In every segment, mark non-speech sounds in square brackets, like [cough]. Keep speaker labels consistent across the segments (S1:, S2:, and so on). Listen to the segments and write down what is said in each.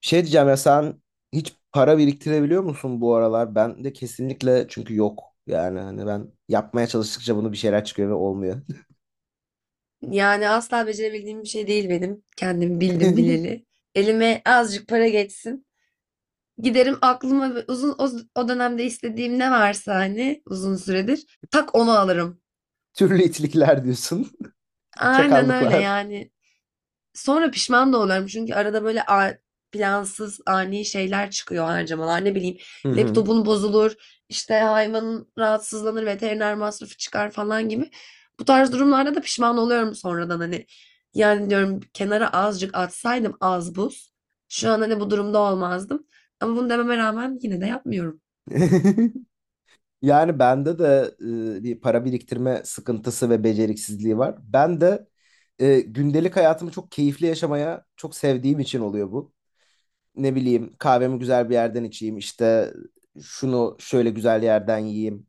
S1: Şey diyeceğim ya, sen hiç para biriktirebiliyor musun bu aralar? Ben de kesinlikle, çünkü yok. Yani hani ben yapmaya çalıştıkça bunu bir şeyler çıkıyor ve olmuyor.
S2: Yani asla becerebildiğim bir şey değil benim. Kendim bildim bileli.
S1: [laughs]
S2: Elime azıcık para geçsin. Giderim aklıma ve uzun o dönemde istediğim ne varsa hani uzun süredir tak onu alırım.
S1: Türlü itlikler diyorsun. [laughs]
S2: Aynen öyle
S1: Çakallıklar.
S2: yani. Sonra pişman da oluyorum çünkü arada böyle plansız, ani şeyler çıkıyor harcamalar. Ne bileyim,
S1: Hı hı.
S2: laptopun bozulur, işte hayvanın rahatsızlanır, veteriner masrafı çıkar falan gibi. Bu tarz durumlarda da pişman oluyorum sonradan hani. Yani diyorum kenara azıcık atsaydım az buz. Şu an hani bu durumda olmazdım. Ama bunu dememe rağmen yine de yapmıyorum.
S1: [laughs] Yani bende de bir para biriktirme sıkıntısı ve beceriksizliği var. Ben de gündelik hayatımı çok keyifli yaşamaya çok sevdiğim için oluyor bu. Ne bileyim, kahvemi güzel bir yerden içeyim, işte şunu şöyle güzel yerden yiyeyim.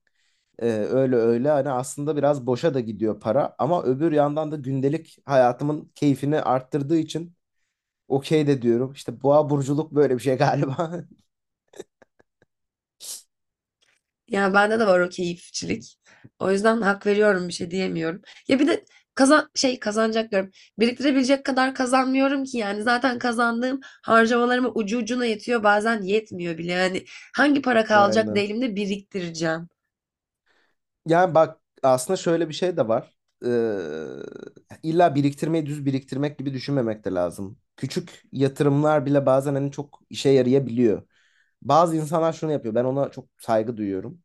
S1: Öyle öyle hani aslında biraz boşa da gidiyor para, ama öbür yandan da gündelik hayatımın keyfini arttırdığı için okey de diyorum. İşte boğa burculuk böyle bir şey galiba. [laughs]
S2: Yani bende de var o keyifçilik. O yüzden hak veriyorum bir şey diyemiyorum. Ya bir de kazanacak diyorum. Biriktirebilecek kadar kazanmıyorum ki yani zaten kazandığım harcamalarıma ucu ucuna yetiyor bazen yetmiyor bile. Yani hangi para kalacak da
S1: Yani.
S2: elimde biriktireceğim.
S1: Yani bak, aslında şöyle bir şey de var. İlla biriktirmeyi düz biriktirmek gibi düşünmemek de lazım. Küçük yatırımlar bile bazen hani çok işe yarayabiliyor. Bazı insanlar şunu yapıyor. Ben ona çok saygı duyuyorum.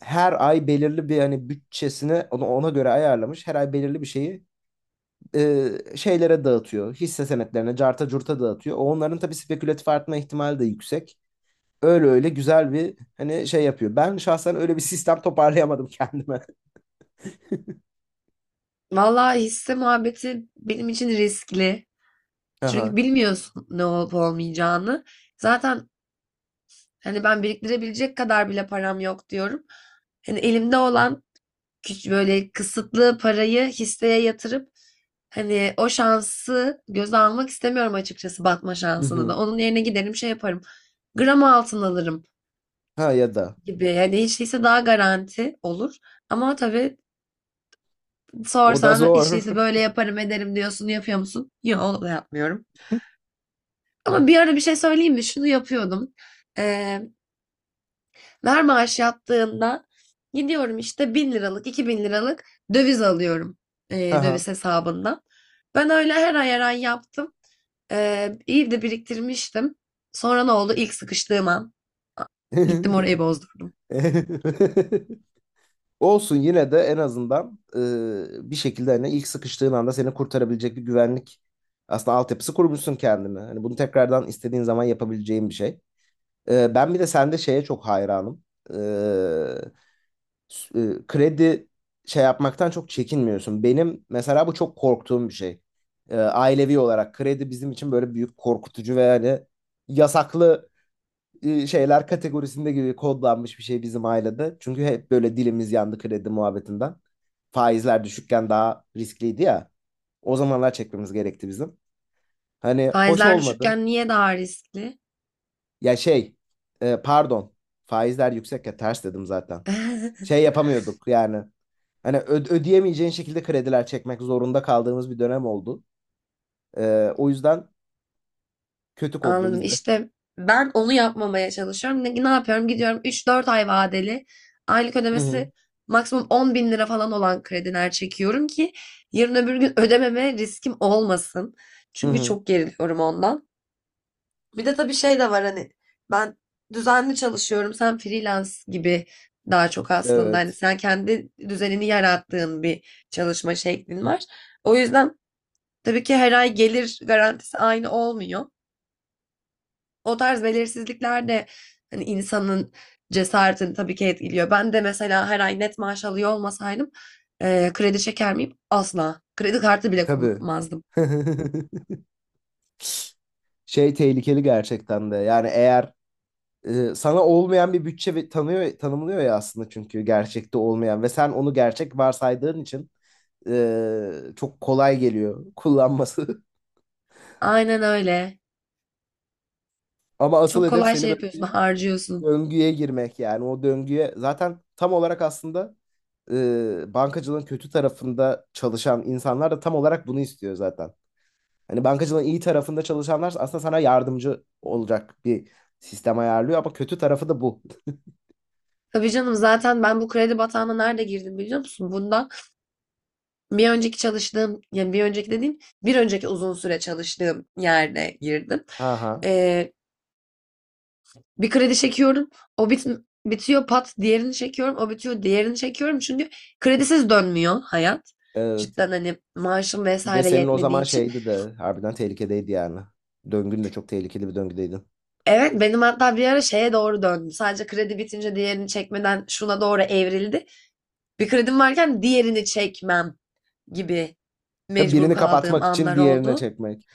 S1: Her ay belirli bir hani bütçesini ona göre ayarlamış. Her ay belirli bir şeyi şeylere dağıtıyor. Hisse senetlerine, carta curta dağıtıyor. Onların tabii spekülatif artma ihtimali de yüksek. Öyle öyle güzel bir hani şey yapıyor. Ben şahsen öyle bir [laughs] sistem toparlayamadım kendime.
S2: Vallahi hisse muhabbeti benim için riskli.
S1: [laughs] Aha.
S2: Çünkü bilmiyorsun ne olup olmayacağını. Zaten hani ben biriktirebilecek kadar bile param yok diyorum. Hani elimde olan böyle kısıtlı parayı hisseye yatırıp hani o şansı göze almak istemiyorum, açıkçası batma
S1: Hı
S2: şansını
S1: hı.
S2: da. Onun yerine giderim şey yaparım. Gram altın alırım
S1: Ha ya da.
S2: gibi. Hani hiç değilse daha garanti olur. Ama tabii
S1: O da
S2: sorsan hiç
S1: zor.
S2: değilse böyle yaparım ederim diyorsun, yapıyor musun? Yok, onu da yapmıyorum. Ama bir ara bir şey söyleyeyim mi? Şunu yapıyordum. Ee, Ver maaş yattığında gidiyorum işte 1000 liralık 2000 liralık döviz alıyorum
S1: [laughs] Aha.
S2: döviz hesabından. Ben öyle her ay her ay yaptım. İyi de biriktirmiştim. Sonra ne oldu? İlk sıkıştığım an gittim
S1: [laughs]
S2: orayı bozdurdum.
S1: Olsun, yine de en azından bir şekilde hani ilk sıkıştığın anda seni kurtarabilecek bir güvenlik aslında altyapısı kurmuşsun kendine. Hani bunu tekrardan istediğin zaman yapabileceğin bir şey. Ben bir de sende şeye çok hayranım. Ee, Kredi şey yapmaktan çok çekinmiyorsun. Benim mesela bu çok korktuğum bir şey. Ailevi olarak kredi bizim için böyle büyük korkutucu ve yani yasaklı şeyler kategorisinde gibi kodlanmış bir şey bizim ailede. Çünkü hep böyle dilimiz yandı kredi muhabbetinden. Faizler düşükken daha riskliydi ya. O zamanlar çekmemiz gerekti bizim. Hani hoş
S2: Faizler
S1: olmadı.
S2: düşükken niye daha riskli?
S1: Ya şey, pardon. Faizler yüksek ya, ters dedim zaten.
S2: [laughs]
S1: Şey yapamıyorduk yani. Hani ödeyemeyeceğin şekilde krediler çekmek zorunda kaldığımız bir dönem oldu. O yüzden kötü kodlu
S2: Anladım.
S1: bizde.
S2: İşte ben onu yapmamaya çalışıyorum. Ne, ne yapıyorum? Gidiyorum üç dört ay vadeli. Aylık
S1: Hı hı.
S2: ödemesi maksimum 10 bin lira falan olan krediler çekiyorum ki yarın öbür gün ödememe riskim olmasın.
S1: Hı
S2: Çünkü
S1: hı.
S2: çok geriliyorum ondan. Bir de tabii şey de var hani ben düzenli çalışıyorum. Sen freelance gibi daha çok aslında hani
S1: Evet.
S2: sen kendi düzenini yarattığın bir çalışma şeklin var. O yüzden tabii ki her ay gelir garantisi aynı olmuyor. O tarz belirsizlikler de hani insanın cesaretini tabii ki etkiliyor. Ben de mesela her ay net maaş alıyor olmasaydım, kredi çeker miyim? Asla. Kredi kartı bile
S1: Tabii.
S2: kullanmazdım.
S1: [laughs] Şey tehlikeli gerçekten de. Yani eğer sana olmayan bir bütçe tanıyor tanımlıyor ya aslında, çünkü gerçekte olmayan ve sen onu gerçek varsaydığın için çok kolay geliyor kullanması.
S2: Aynen öyle.
S1: [laughs] Ama asıl
S2: Çok
S1: hedef
S2: kolay
S1: seni
S2: şey
S1: böyle
S2: yapıyorsun, [laughs]
S1: bir
S2: harcıyorsun.
S1: döngüye girmek, yani o döngüye zaten tam olarak aslında bankacılığın kötü tarafında çalışan insanlar da tam olarak bunu istiyor zaten. Hani bankacılığın iyi tarafında çalışanlar aslında sana yardımcı olacak bir sistem ayarlıyor, ama kötü tarafı da bu.
S2: Tabii canım, zaten ben bu kredi batağına nerede girdim biliyor musun? Bundan bir önceki çalıştığım, yani bir önceki dediğim bir önceki uzun süre çalıştığım yerde girdim.
S1: Ha ha.
S2: Bir kredi çekiyorum. O bit bitiyor pat diğerini çekiyorum. O bitiyor diğerini çekiyorum. Çünkü kredisiz dönmüyor hayat.
S1: Evet.
S2: Cidden hani maaşım
S1: Bir de
S2: vesaire
S1: senin o zaman
S2: yetmediği için.
S1: şeydi de, harbiden tehlikedeydi yani. Döngün de çok tehlikeli bir döngüdeydin.
S2: Evet, benim hatta bir ara şeye doğru döndüm. Sadece kredi bitince diğerini çekmeden şuna doğru evrildi. Bir kredim varken diğerini çekmem gibi
S1: Tabii,
S2: mecbur
S1: birini
S2: kaldığım
S1: kapatmak için
S2: anlar
S1: diğerine
S2: oldu.
S1: çekmek.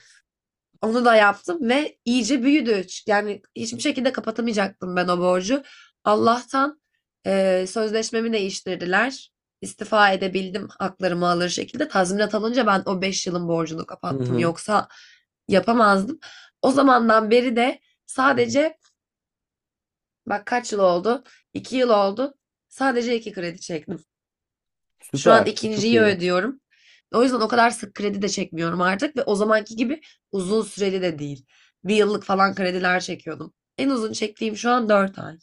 S2: Onu da yaptım ve iyice büyüdü. Yani hiçbir şekilde kapatamayacaktım ben o borcu. Allah'tan sözleşmemi değiştirdiler. İstifa edebildim haklarımı alır şekilde. Tazminat alınca ben o 5 yılın borcunu
S1: Hı
S2: kapattım.
S1: hı.
S2: Yoksa yapamazdım. O zamandan beri de sadece bak kaç yıl oldu? 2 yıl oldu. Sadece 2 kredi çektim. Şu an
S1: Süper. Çok
S2: ikinciyi
S1: iyi.
S2: ödüyorum. O yüzden o kadar sık kredi de çekmiyorum artık ve o zamanki gibi uzun süreli de değil. Bir yıllık falan krediler çekiyordum. En uzun çektiğim şu an dört ay.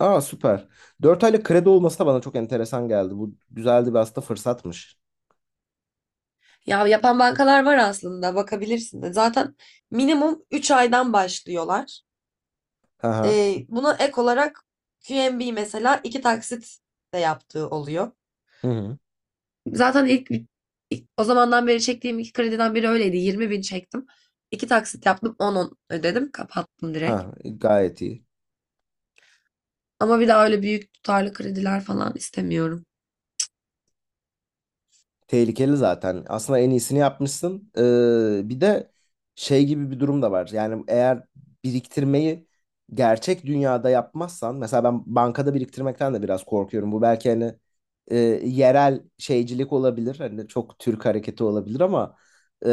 S1: Aa süper. 4 aylık kredi olması da bana çok enteresan geldi. Bu güzeldi, bir aslında fırsatmış.
S2: Ya yapan bankalar var, aslında bakabilirsin de. Zaten minimum 3 aydan başlıyorlar.
S1: Aha.
S2: Buna ek olarak QNB mesela iki taksit de yaptığı oluyor.
S1: Hı hı.
S2: Zaten ilk o zamandan beri çektiğim iki krediden biri öyleydi. 20 bin çektim. İki taksit yaptım, on on ödedim kapattım
S1: Ha,
S2: direkt.
S1: gayet iyi.
S2: Ama bir daha öyle büyük tutarlı krediler falan istemiyorum.
S1: Tehlikeli zaten. Aslında en iyisini yapmışsın. Bir de şey gibi bir durum da var. Yani eğer biriktirmeyi gerçek dünyada yapmazsan, mesela ben bankada biriktirmekten de biraz korkuyorum. Bu belki hani e, yerel şeycilik olabilir. Hani çok Türk hareketi olabilir ama e,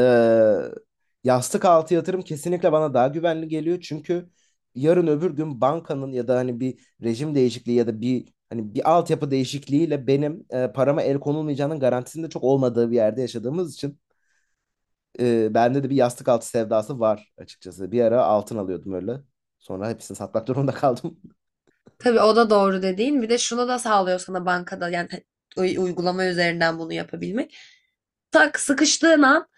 S1: yastık altı yatırım kesinlikle bana daha güvenli geliyor. Çünkü yarın öbür gün bankanın ya da hani bir rejim değişikliği ya da bir hani bir altyapı değişikliğiyle benim parama el konulmayacağının garantisinde çok olmadığı bir yerde yaşadığımız için bende de bir yastık altı sevdası var açıkçası. Bir ara altın alıyordum öyle. Sonra hepsini satmak durumunda kaldım.
S2: Tabii o da doğru dediğin. Bir de şunu da sağlıyor sana bankada yani uygulama üzerinden bunu yapabilmek. Tak sıkıştığın an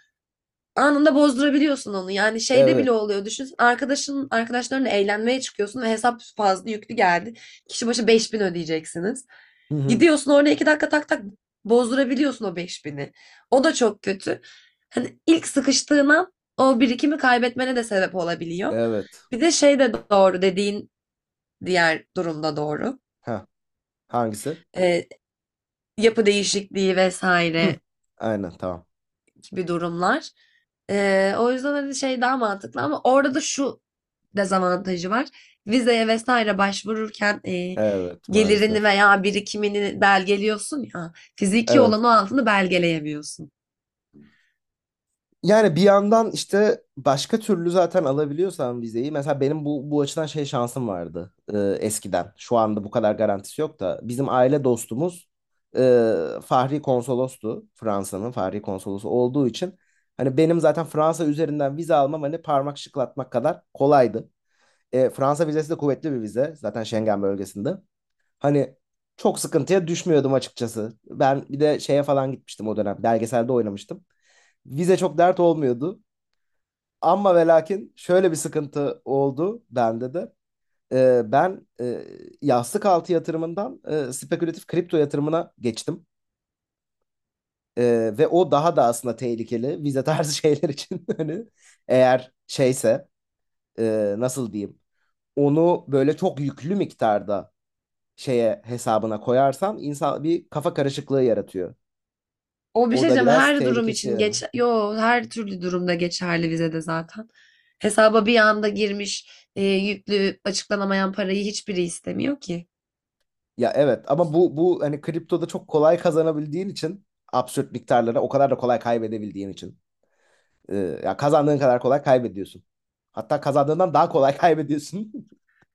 S2: anında bozdurabiliyorsun onu. Yani
S1: [laughs]
S2: şeyde
S1: Evet.
S2: bile oluyor. Düşün, arkadaşlarınla eğlenmeye çıkıyorsun ve hesap fazla yüklü geldi. Kişi başı 5000 ödeyeceksiniz.
S1: Hı hı.
S2: Gidiyorsun orada iki dakika tak tak bozdurabiliyorsun o beş bini. O da çok kötü. Hani ilk sıkıştığın an o birikimi kaybetmene de sebep olabiliyor.
S1: Evet.
S2: Bir de şey de doğru dediğin, diğer durumda doğru.
S1: Ha, hangisi?
S2: Ee, Yapı değişikliği
S1: Hı.
S2: vesaire
S1: Aynen, tamam.
S2: gibi durumlar. O yüzden hani şey daha mantıklı ama orada da şu dezavantajı var. Vizeye vesaire başvururken
S1: Evet,
S2: gelirini
S1: maalesef.
S2: veya birikimini belgeliyorsun ya. Fiziki
S1: Evet.
S2: olan o altını belgeleyemiyorsun.
S1: Yani bir yandan işte başka türlü zaten alabiliyorsan vizeyi. Mesela benim bu açıdan şey şansım vardı eskiden. Şu anda bu kadar garantisi yok da. Bizim aile dostumuz e, Fahri Konsolostu. Fransa'nın Fahri Konsolosu olduğu için. Hani benim zaten Fransa üzerinden vize almam hani parmak şıklatmak kadar kolaydı. E, Fransa vizesi de kuvvetli bir vize. Zaten Schengen bölgesinde. Hani çok sıkıntıya düşmüyordum açıkçası. Ben bir de şeye falan gitmiştim o dönem. Belgeselde oynamıştım. Vize çok dert olmuyordu. Ama ve lakin şöyle bir sıkıntı oldu bende de. Ben yastık altı yatırımından spekülatif kripto yatırımına geçtim. Ve o daha da aslında tehlikeli vize tarzı şeyler için. [laughs] Hani eğer şeyse nasıl diyeyim, onu böyle çok yüklü miktarda şeye hesabına koyarsan insan, bir kafa karışıklığı yaratıyor.
S2: O bir şey
S1: O da
S2: diyeceğim
S1: biraz
S2: her durum
S1: tehlikesi,
S2: için
S1: yani.
S2: geç, yo her türlü durumda geçerli vizede zaten. Hesaba bir anda girmiş yüklü açıklanamayan parayı hiçbiri istemiyor ki.
S1: Ya evet, ama bu hani kriptoda çok kolay kazanabildiğin için absürt miktarlara o kadar da kolay kaybedebildiğin için. Ee, Ya kazandığın kadar kolay kaybediyorsun. Hatta kazandığından daha kolay [laughs] kaybediyorsun.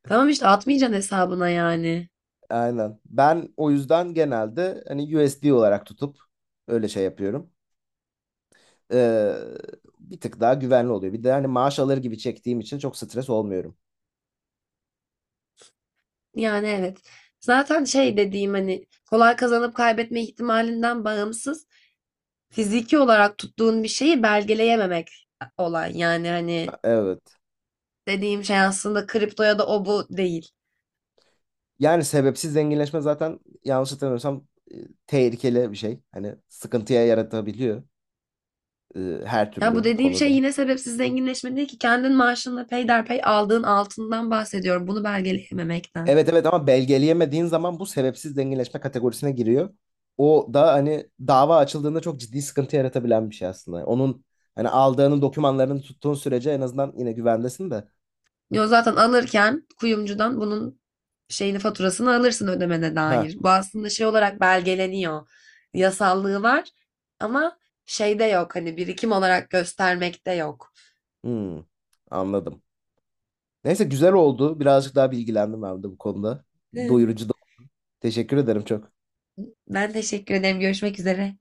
S2: Tamam işte atmayacaksın hesabına yani.
S1: Aynen. Ben o yüzden genelde hani USD olarak tutup öyle şey yapıyorum. Ee, Bir tık daha güvenli oluyor. Bir de hani maaş alır gibi çektiğim için çok stres olmuyorum.
S2: Yani evet. Zaten şey dediğim hani kolay kazanıp kaybetme ihtimalinden bağımsız fiziki olarak tuttuğun bir şeyi belgeleyememek olay. Yani hani
S1: Evet.
S2: dediğim şey aslında kripto ya da o bu değil.
S1: Yani sebepsiz zenginleşme zaten yanlış hatırlamıyorsam tehlikeli bir şey. Hani sıkıntıya yaratabiliyor. e, Her
S2: Ya bu
S1: türlü
S2: dediğim şey
S1: konuda.
S2: yine sebepsiz zenginleşme değil ki, kendin maaşınla peyderpey aldığın altından bahsediyorum. Bunu belgeleyememekten.
S1: Evet, evet, ama belgeleyemediğin zaman bu sebepsiz zenginleşme kategorisine giriyor. O da hani dava açıldığında çok ciddi sıkıntı yaratabilen bir şey aslında. Onun hani aldığının dokümanlarını tuttuğun sürece en azından yine güvendesin de.
S2: Yo zaten alırken kuyumcudan bunun şeyini faturasını alırsın ödemene
S1: Ha,
S2: dair. Bu aslında şey olarak belgeleniyor. Yasallığı var ama şeyde yok, hani birikim olarak göstermekte yok.
S1: hmm, anladım. Neyse, güzel oldu. Birazcık daha bilgilendim ben de bu konuda.
S2: [laughs]
S1: Doyurucu da. Teşekkür ederim çok.
S2: Ben teşekkür ederim. Görüşmek üzere.